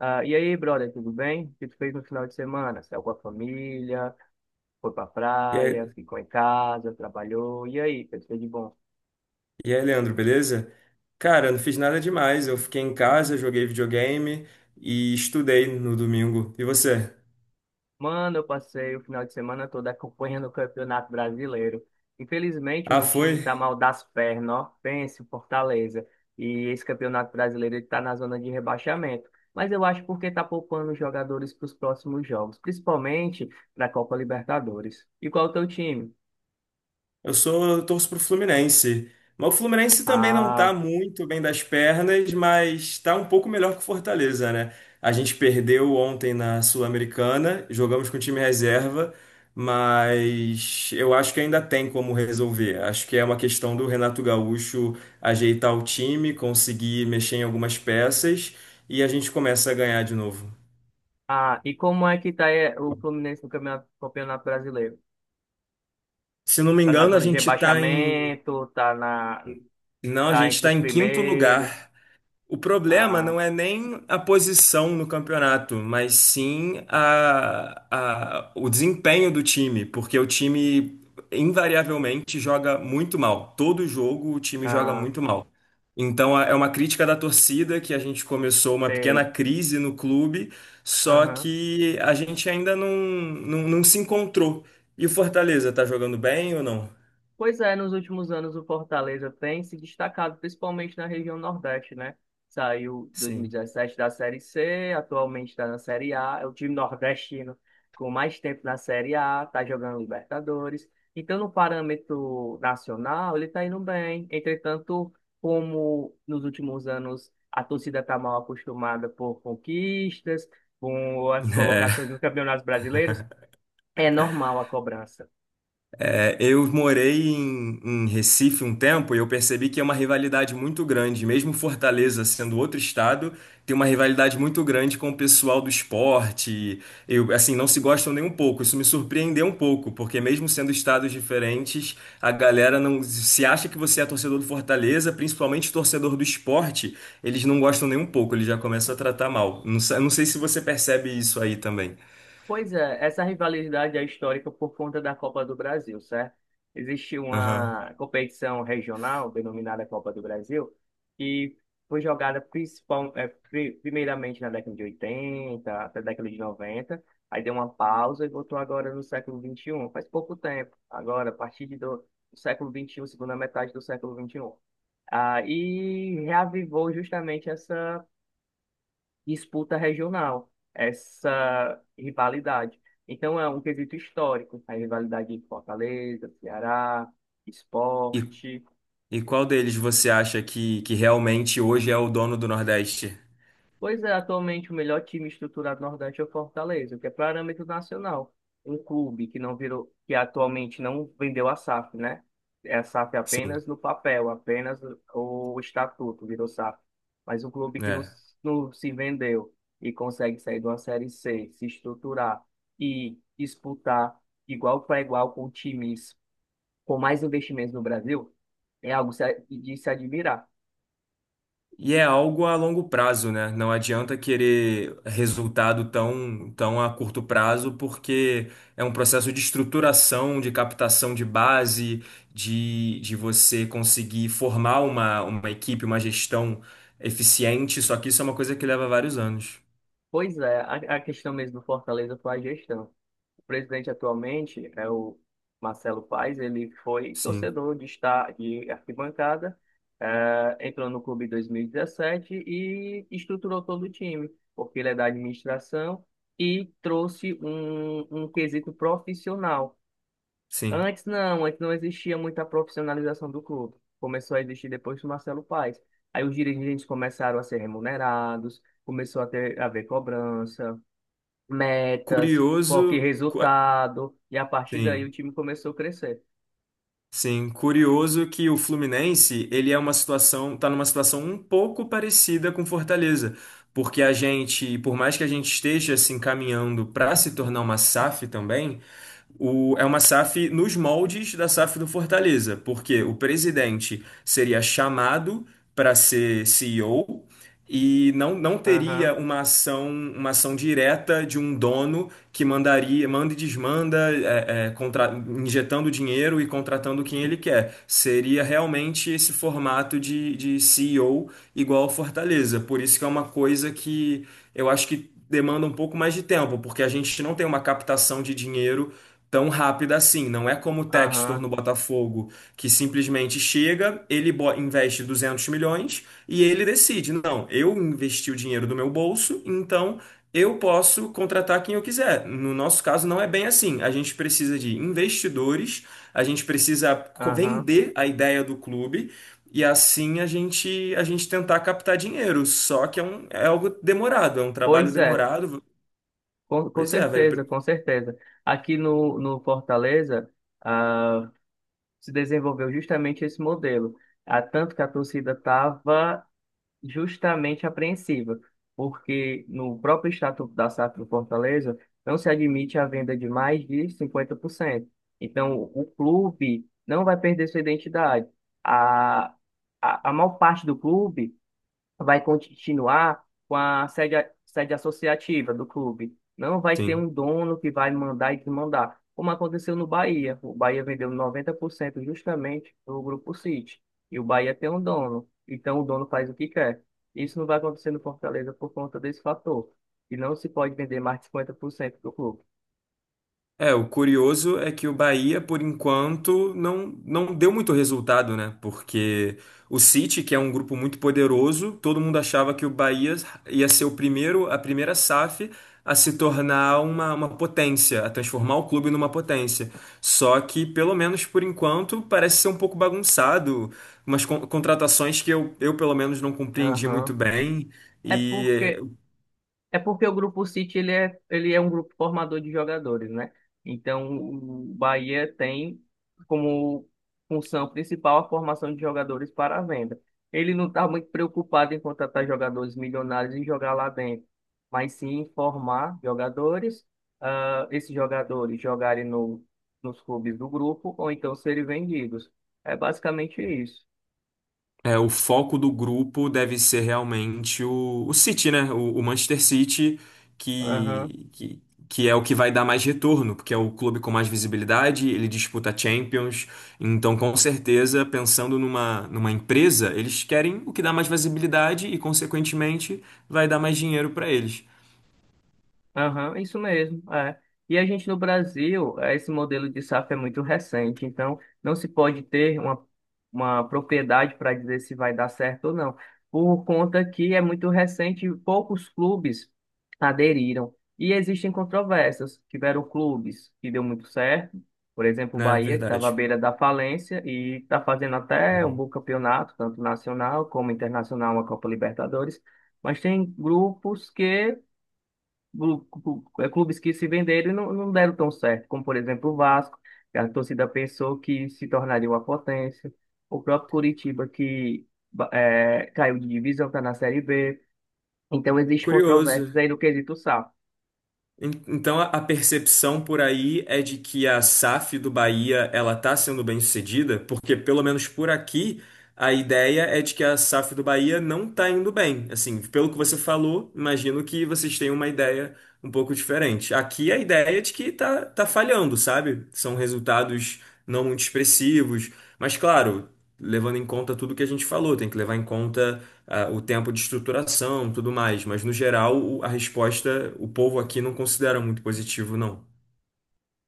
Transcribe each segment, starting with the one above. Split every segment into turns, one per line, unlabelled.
Ah, e aí, brother, tudo bem? O que tu fez no final de semana? Saiu com a família, foi pra
E
praia,
aí,
ficou em casa, trabalhou. E aí, o que tu fez de bom?
e aí, Leandro, beleza? Cara, eu não fiz nada demais. Eu fiquei em casa, joguei videogame e estudei no domingo. E você?
Mano, eu passei o final de semana todo acompanhando o Campeonato Brasileiro. Infelizmente, o
Ah,
meu time
foi?
tá mal das pernas, ó. Pense, o Fortaleza. E esse Campeonato Brasileiro, ele tá na zona de rebaixamento. Mas eu acho porque tá poupando os jogadores para os próximos jogos, principalmente para a Copa Libertadores. E qual é o teu time?
Eu torço pro Fluminense. Mas o Fluminense também não tá
Ah.
muito bem das pernas, mas tá um pouco melhor que o Fortaleza, né? A gente perdeu ontem na Sul-Americana, jogamos com o time reserva, mas eu acho que ainda tem como resolver. Acho que é uma questão do Renato Gaúcho ajeitar o time, conseguir mexer em algumas peças e a gente começa a ganhar de novo.
Ah, e como é que tá o Fluminense no campeonato brasileiro?
Se não me
Tá na
engano, a
zona de
gente tá em.
rebaixamento,
Não, a
tá
gente
entre
tá
os
em quinto
primeiros.
lugar. O problema
Ah,
não é nem a posição no campeonato, mas sim o desempenho do time, porque o time invariavelmente joga muito mal. Todo jogo o time joga
ah,
muito mal. É uma crítica da torcida que a gente começou uma pequena
sei.
crise no clube, só que a gente ainda não se encontrou. E o Fortaleza, tá jogando bem ou não?
Pois é, nos últimos anos o Fortaleza tem se destacado, principalmente na região Nordeste, né? Saiu
Sim.
2017 da Série C, atualmente está na Série A, é o time nordestino com mais tempo na Série A, está jogando Libertadores. Então, no parâmetro nacional, ele está indo bem. Entretanto, como nos últimos anos a torcida está mal acostumada por conquistas, com as colocações nos campeonatos brasileiros, é normal a cobrança.
É, eu morei em Recife um tempo e eu percebi que é uma rivalidade muito grande. Mesmo Fortaleza sendo outro estado, tem uma rivalidade muito grande com o pessoal do esporte. Eu, assim, não se gostam nem um pouco. Isso me surpreendeu um pouco, porque mesmo sendo estados diferentes, a galera não se acha que você é torcedor do Fortaleza, principalmente torcedor do esporte, eles não gostam nem um pouco. Eles já começam a tratar mal. Não sei se você percebe isso aí também.
Pois é, essa rivalidade é histórica por conta da Copa do Brasil, certo? Existe
Aham.
uma competição regional denominada Copa do Brasil, que foi jogada primeiramente na década de 80 até a década de 90, aí deu uma pausa e voltou agora no século vinte e um, faz pouco tempo, agora, a partir de do, do século vinte e um, segunda metade do século vinte e um, e reavivou justamente essa disputa regional, essa rivalidade. Então, é um quesito histórico, a rivalidade de Fortaleza, Ceará, Sport.
E qual deles você acha que realmente hoje é o dono do Nordeste?
Pois é, atualmente o melhor time estruturado do Nordeste é o Fortaleza, que é parâmetro nacional. Um clube que não virou, que atualmente não vendeu a SAF, né? É a SAF
Sim,
apenas no papel, apenas o estatuto virou SAF. Mas um clube que não,
né?
s- não se vendeu e consegue sair de uma Série C, se estruturar e disputar igual para igual com times com mais investimentos no Brasil, é algo se a- de se admirar.
E é algo a longo prazo, né? Não adianta querer resultado tão a curto prazo, porque é um processo de estruturação, de captação de base, de você conseguir formar uma equipe, uma gestão eficiente. Só que isso é uma coisa que leva vários anos.
Pois é, a questão mesmo do Fortaleza foi a gestão. Presidente atualmente é o Marcelo Paes, ele foi
Sim,
torcedor de estar de arquibancada, entrou no clube em 2017 e estruturou todo o time, porque ele é da administração e trouxe um quesito profissional.
sim.
Antes não existia muita profissionalização do clube. Começou a existir depois do Marcelo Paes. Aí os dirigentes começaram a ser remunerados, começou a ter a haver cobrança, metas, foco em
Curioso.
resultado, e a partir daí
Sim.
o time começou a crescer.
Sim, curioso que o Fluminense, ele é uma situação, tá numa situação um pouco parecida com Fortaleza, porque a gente, por mais que a gente esteja se encaminhando para se tornar uma SAF também, é uma SAF nos moldes da SAF do Fortaleza, porque o presidente seria chamado para ser CEO e O e não teria
Aham,
uma ação direta de um dono que mandaria, manda e desmanda, injetando dinheiro e contratando quem ele quer. Seria realmente esse formato de CEO igual ao Fortaleza. Por isso que é uma coisa que eu acho que demanda um pouco mais de tempo, porque a gente não tem uma captação de dinheiro tão rápida assim. Não é como o Textor
aham,
no Botafogo, que simplesmente chega, investe 200 milhões e ele decide: não, eu investi o dinheiro do meu bolso, então eu posso contratar quem eu quiser. No nosso caso, não é bem assim. A gente precisa de investidores, a gente
aham.
vender a ideia do clube. E assim a gente tentar captar dinheiro, só que é algo demorado, é um trabalho
Pois é,
demorado.
com
Pois é, vai.
certeza, com certeza. Aqui no Fortaleza, ah, se desenvolveu justamente esse modelo. Tanto que a torcida estava justamente apreensiva, porque no próprio Estatuto da SAF do Fortaleza não se admite a venda de mais de 50%. Então, o clube não vai perder sua identidade. A, a maior parte do clube vai continuar com a sede, sede associativa do clube. Não vai ter
Sim.
um dono que vai mandar e desmandar, como aconteceu no Bahia. O Bahia vendeu 90% justamente para o Grupo City. E o Bahia tem um dono. Então o dono faz o que quer. Isso não vai acontecer no Fortaleza por conta desse fator. E não se pode vender mais de 50% do clube.
É, o curioso é que o Bahia, por enquanto, não deu muito resultado, né? Porque o City, que é um grupo muito poderoso, todo mundo achava que o Bahia ia ser o primeiro, a primeira SAF a se tornar uma potência, a transformar o clube numa potência. Só que, pelo menos por enquanto, parece ser um pouco bagunçado, umas contratações que pelo menos, não compreendi muito
Aham.
bem.
É
E
porque É porque o grupo City ele é um grupo formador de jogadores, né? Então o Bahia tem como função principal a formação de jogadores para a venda. Ele não está muito preocupado em contratar jogadores milionários e jogar lá dentro, mas sim em formar jogadores, esses jogadores jogarem no, nos clubes do grupo ou então serem vendidos. É basicamente isso.
é, o foco do grupo deve ser realmente o City, né? O Manchester City, que, que, que é o que vai dar mais retorno, porque é o clube com mais visibilidade, ele disputa Champions. Então, com certeza, pensando numa empresa, eles querem o que dá mais visibilidade e, consequentemente, vai dar mais dinheiro para eles.
Aham, isso mesmo. É. E a gente no Brasil, esse modelo de safra é muito recente, então não se pode ter uma, propriedade para dizer se vai dar certo ou não, por conta que é muito recente e poucos clubes aderiram. E existem controvérsias. Tiveram clubes que deu muito certo, por exemplo, o
É,
Bahia, que estava à
verdade.
beira da falência e está fazendo até um
Uhum.
bom campeonato, tanto nacional como internacional, uma Copa Libertadores. Mas tem grupos que clubes que se venderam e não deram tão certo, como por exemplo o Vasco, que a torcida pensou que se tornaria uma potência, o próprio Curitiba, caiu de divisão, está na Série B. Então, existe controvérsias
Curioso.
aí no quesito SAF.
Então a percepção por aí é de que a SAF do Bahia ela está sendo bem sucedida, porque pelo menos por aqui a ideia é de que a SAF do Bahia não está indo bem. Assim, pelo que você falou, imagino que vocês tenham uma ideia um pouco diferente. Aqui a ideia é de que tá, tá falhando, sabe? São resultados não muito expressivos, mas claro, levando em conta tudo que a gente falou, tem que levar em conta o tempo de estruturação, tudo mais. Mas, no geral, a resposta, o povo aqui não considera muito positivo, não.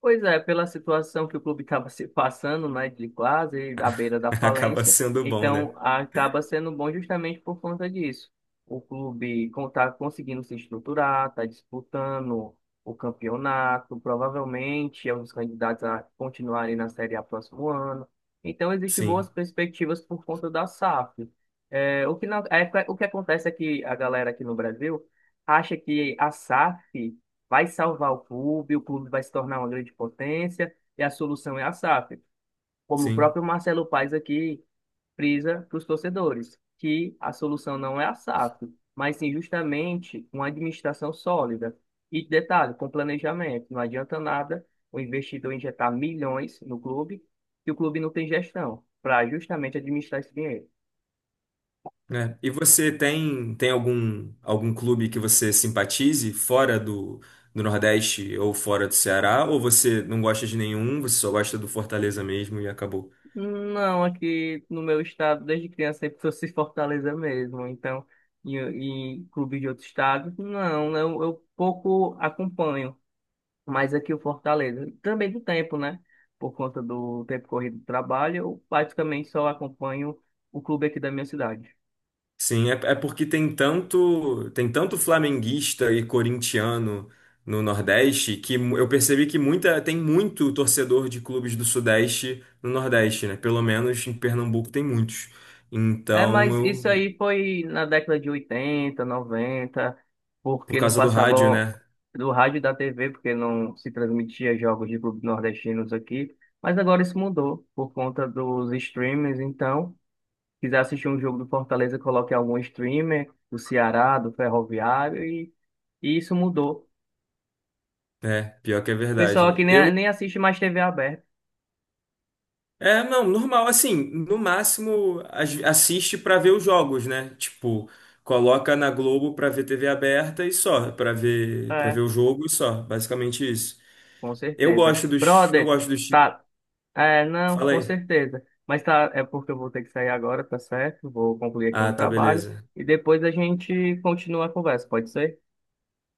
Pois é, pela situação que o clube estava se passando, né, de quase à beira da
Acaba
falência,
sendo bom, né?
então acaba sendo bom justamente por conta disso. O clube está conseguindo se estruturar, está disputando o campeonato, provavelmente é um dos candidatos a continuarem na Série A próximo ano. Então existem boas
Sim,
perspectivas por conta da SAF. É, o que não- é, o que acontece é que a galera aqui no Brasil acha que a SAF vai salvar o clube vai se tornar uma grande potência e a solução é a SAF. Como o
sim.
próprio Marcelo Paes aqui frisa para os torcedores, que a solução não é a SAF, mas sim justamente uma administração sólida. E detalhe, com planejamento, não adianta nada o investidor injetar milhões no clube, que o clube não tem gestão para justamente administrar esse dinheiro.
Né? E você tem, tem algum, algum clube que você simpatize fora do, do Nordeste ou fora do Ceará? Ou você não gosta de nenhum, você só gosta do Fortaleza mesmo e acabou?
Não, aqui no meu estado, desde criança, sempre trouxe Fortaleza mesmo. Então, e, e clubes de outro estado, não, né? Eu pouco acompanho. Mas aqui o Fortaleza, também do tempo, né? Por conta do tempo corrido do trabalho, eu praticamente só acompanho o clube aqui da minha cidade.
Sim, é, é porque tem tanto flamenguista e corintiano no Nordeste que eu percebi que muita, tem muito torcedor de clubes do Sudeste no Nordeste, né? Pelo menos em Pernambuco tem muitos.
É,
Então,
mas isso
eu,
aí foi na década de 80, 90,
por
porque não
causa do rádio,
passava
né?
do rádio e da TV, porque não se transmitia jogos de clubes nordestinos aqui. Mas agora isso mudou por conta dos streamers. Então, quiser assistir um jogo do Fortaleza, coloque algum streamer do Ceará, do Ferroviário, e isso mudou.
É, pior que é
O pessoal
verdade.
aqui nem,
Eu,
nem assiste mais TV aberta.
é, não, normal, assim, no máximo assiste pra ver os jogos, né? Tipo, coloca na Globo pra ver TV aberta e só, pra ver, para ver
É,
o jogo e só, basicamente isso.
com
Eu
certeza.
gosto dos.
Brother, tá. É, não,
Fala
com
aí.
certeza. Mas tá, é porque eu vou ter que sair agora, tá certo? Vou concluir aqui um
Ah, tá,
trabalho
beleza.
e depois a gente continua a conversa, pode ser?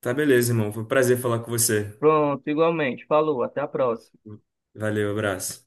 Tá, beleza, irmão. Foi um prazer falar com você.
Pronto, igualmente. Falou, até a próxima.
Valeu, abraço.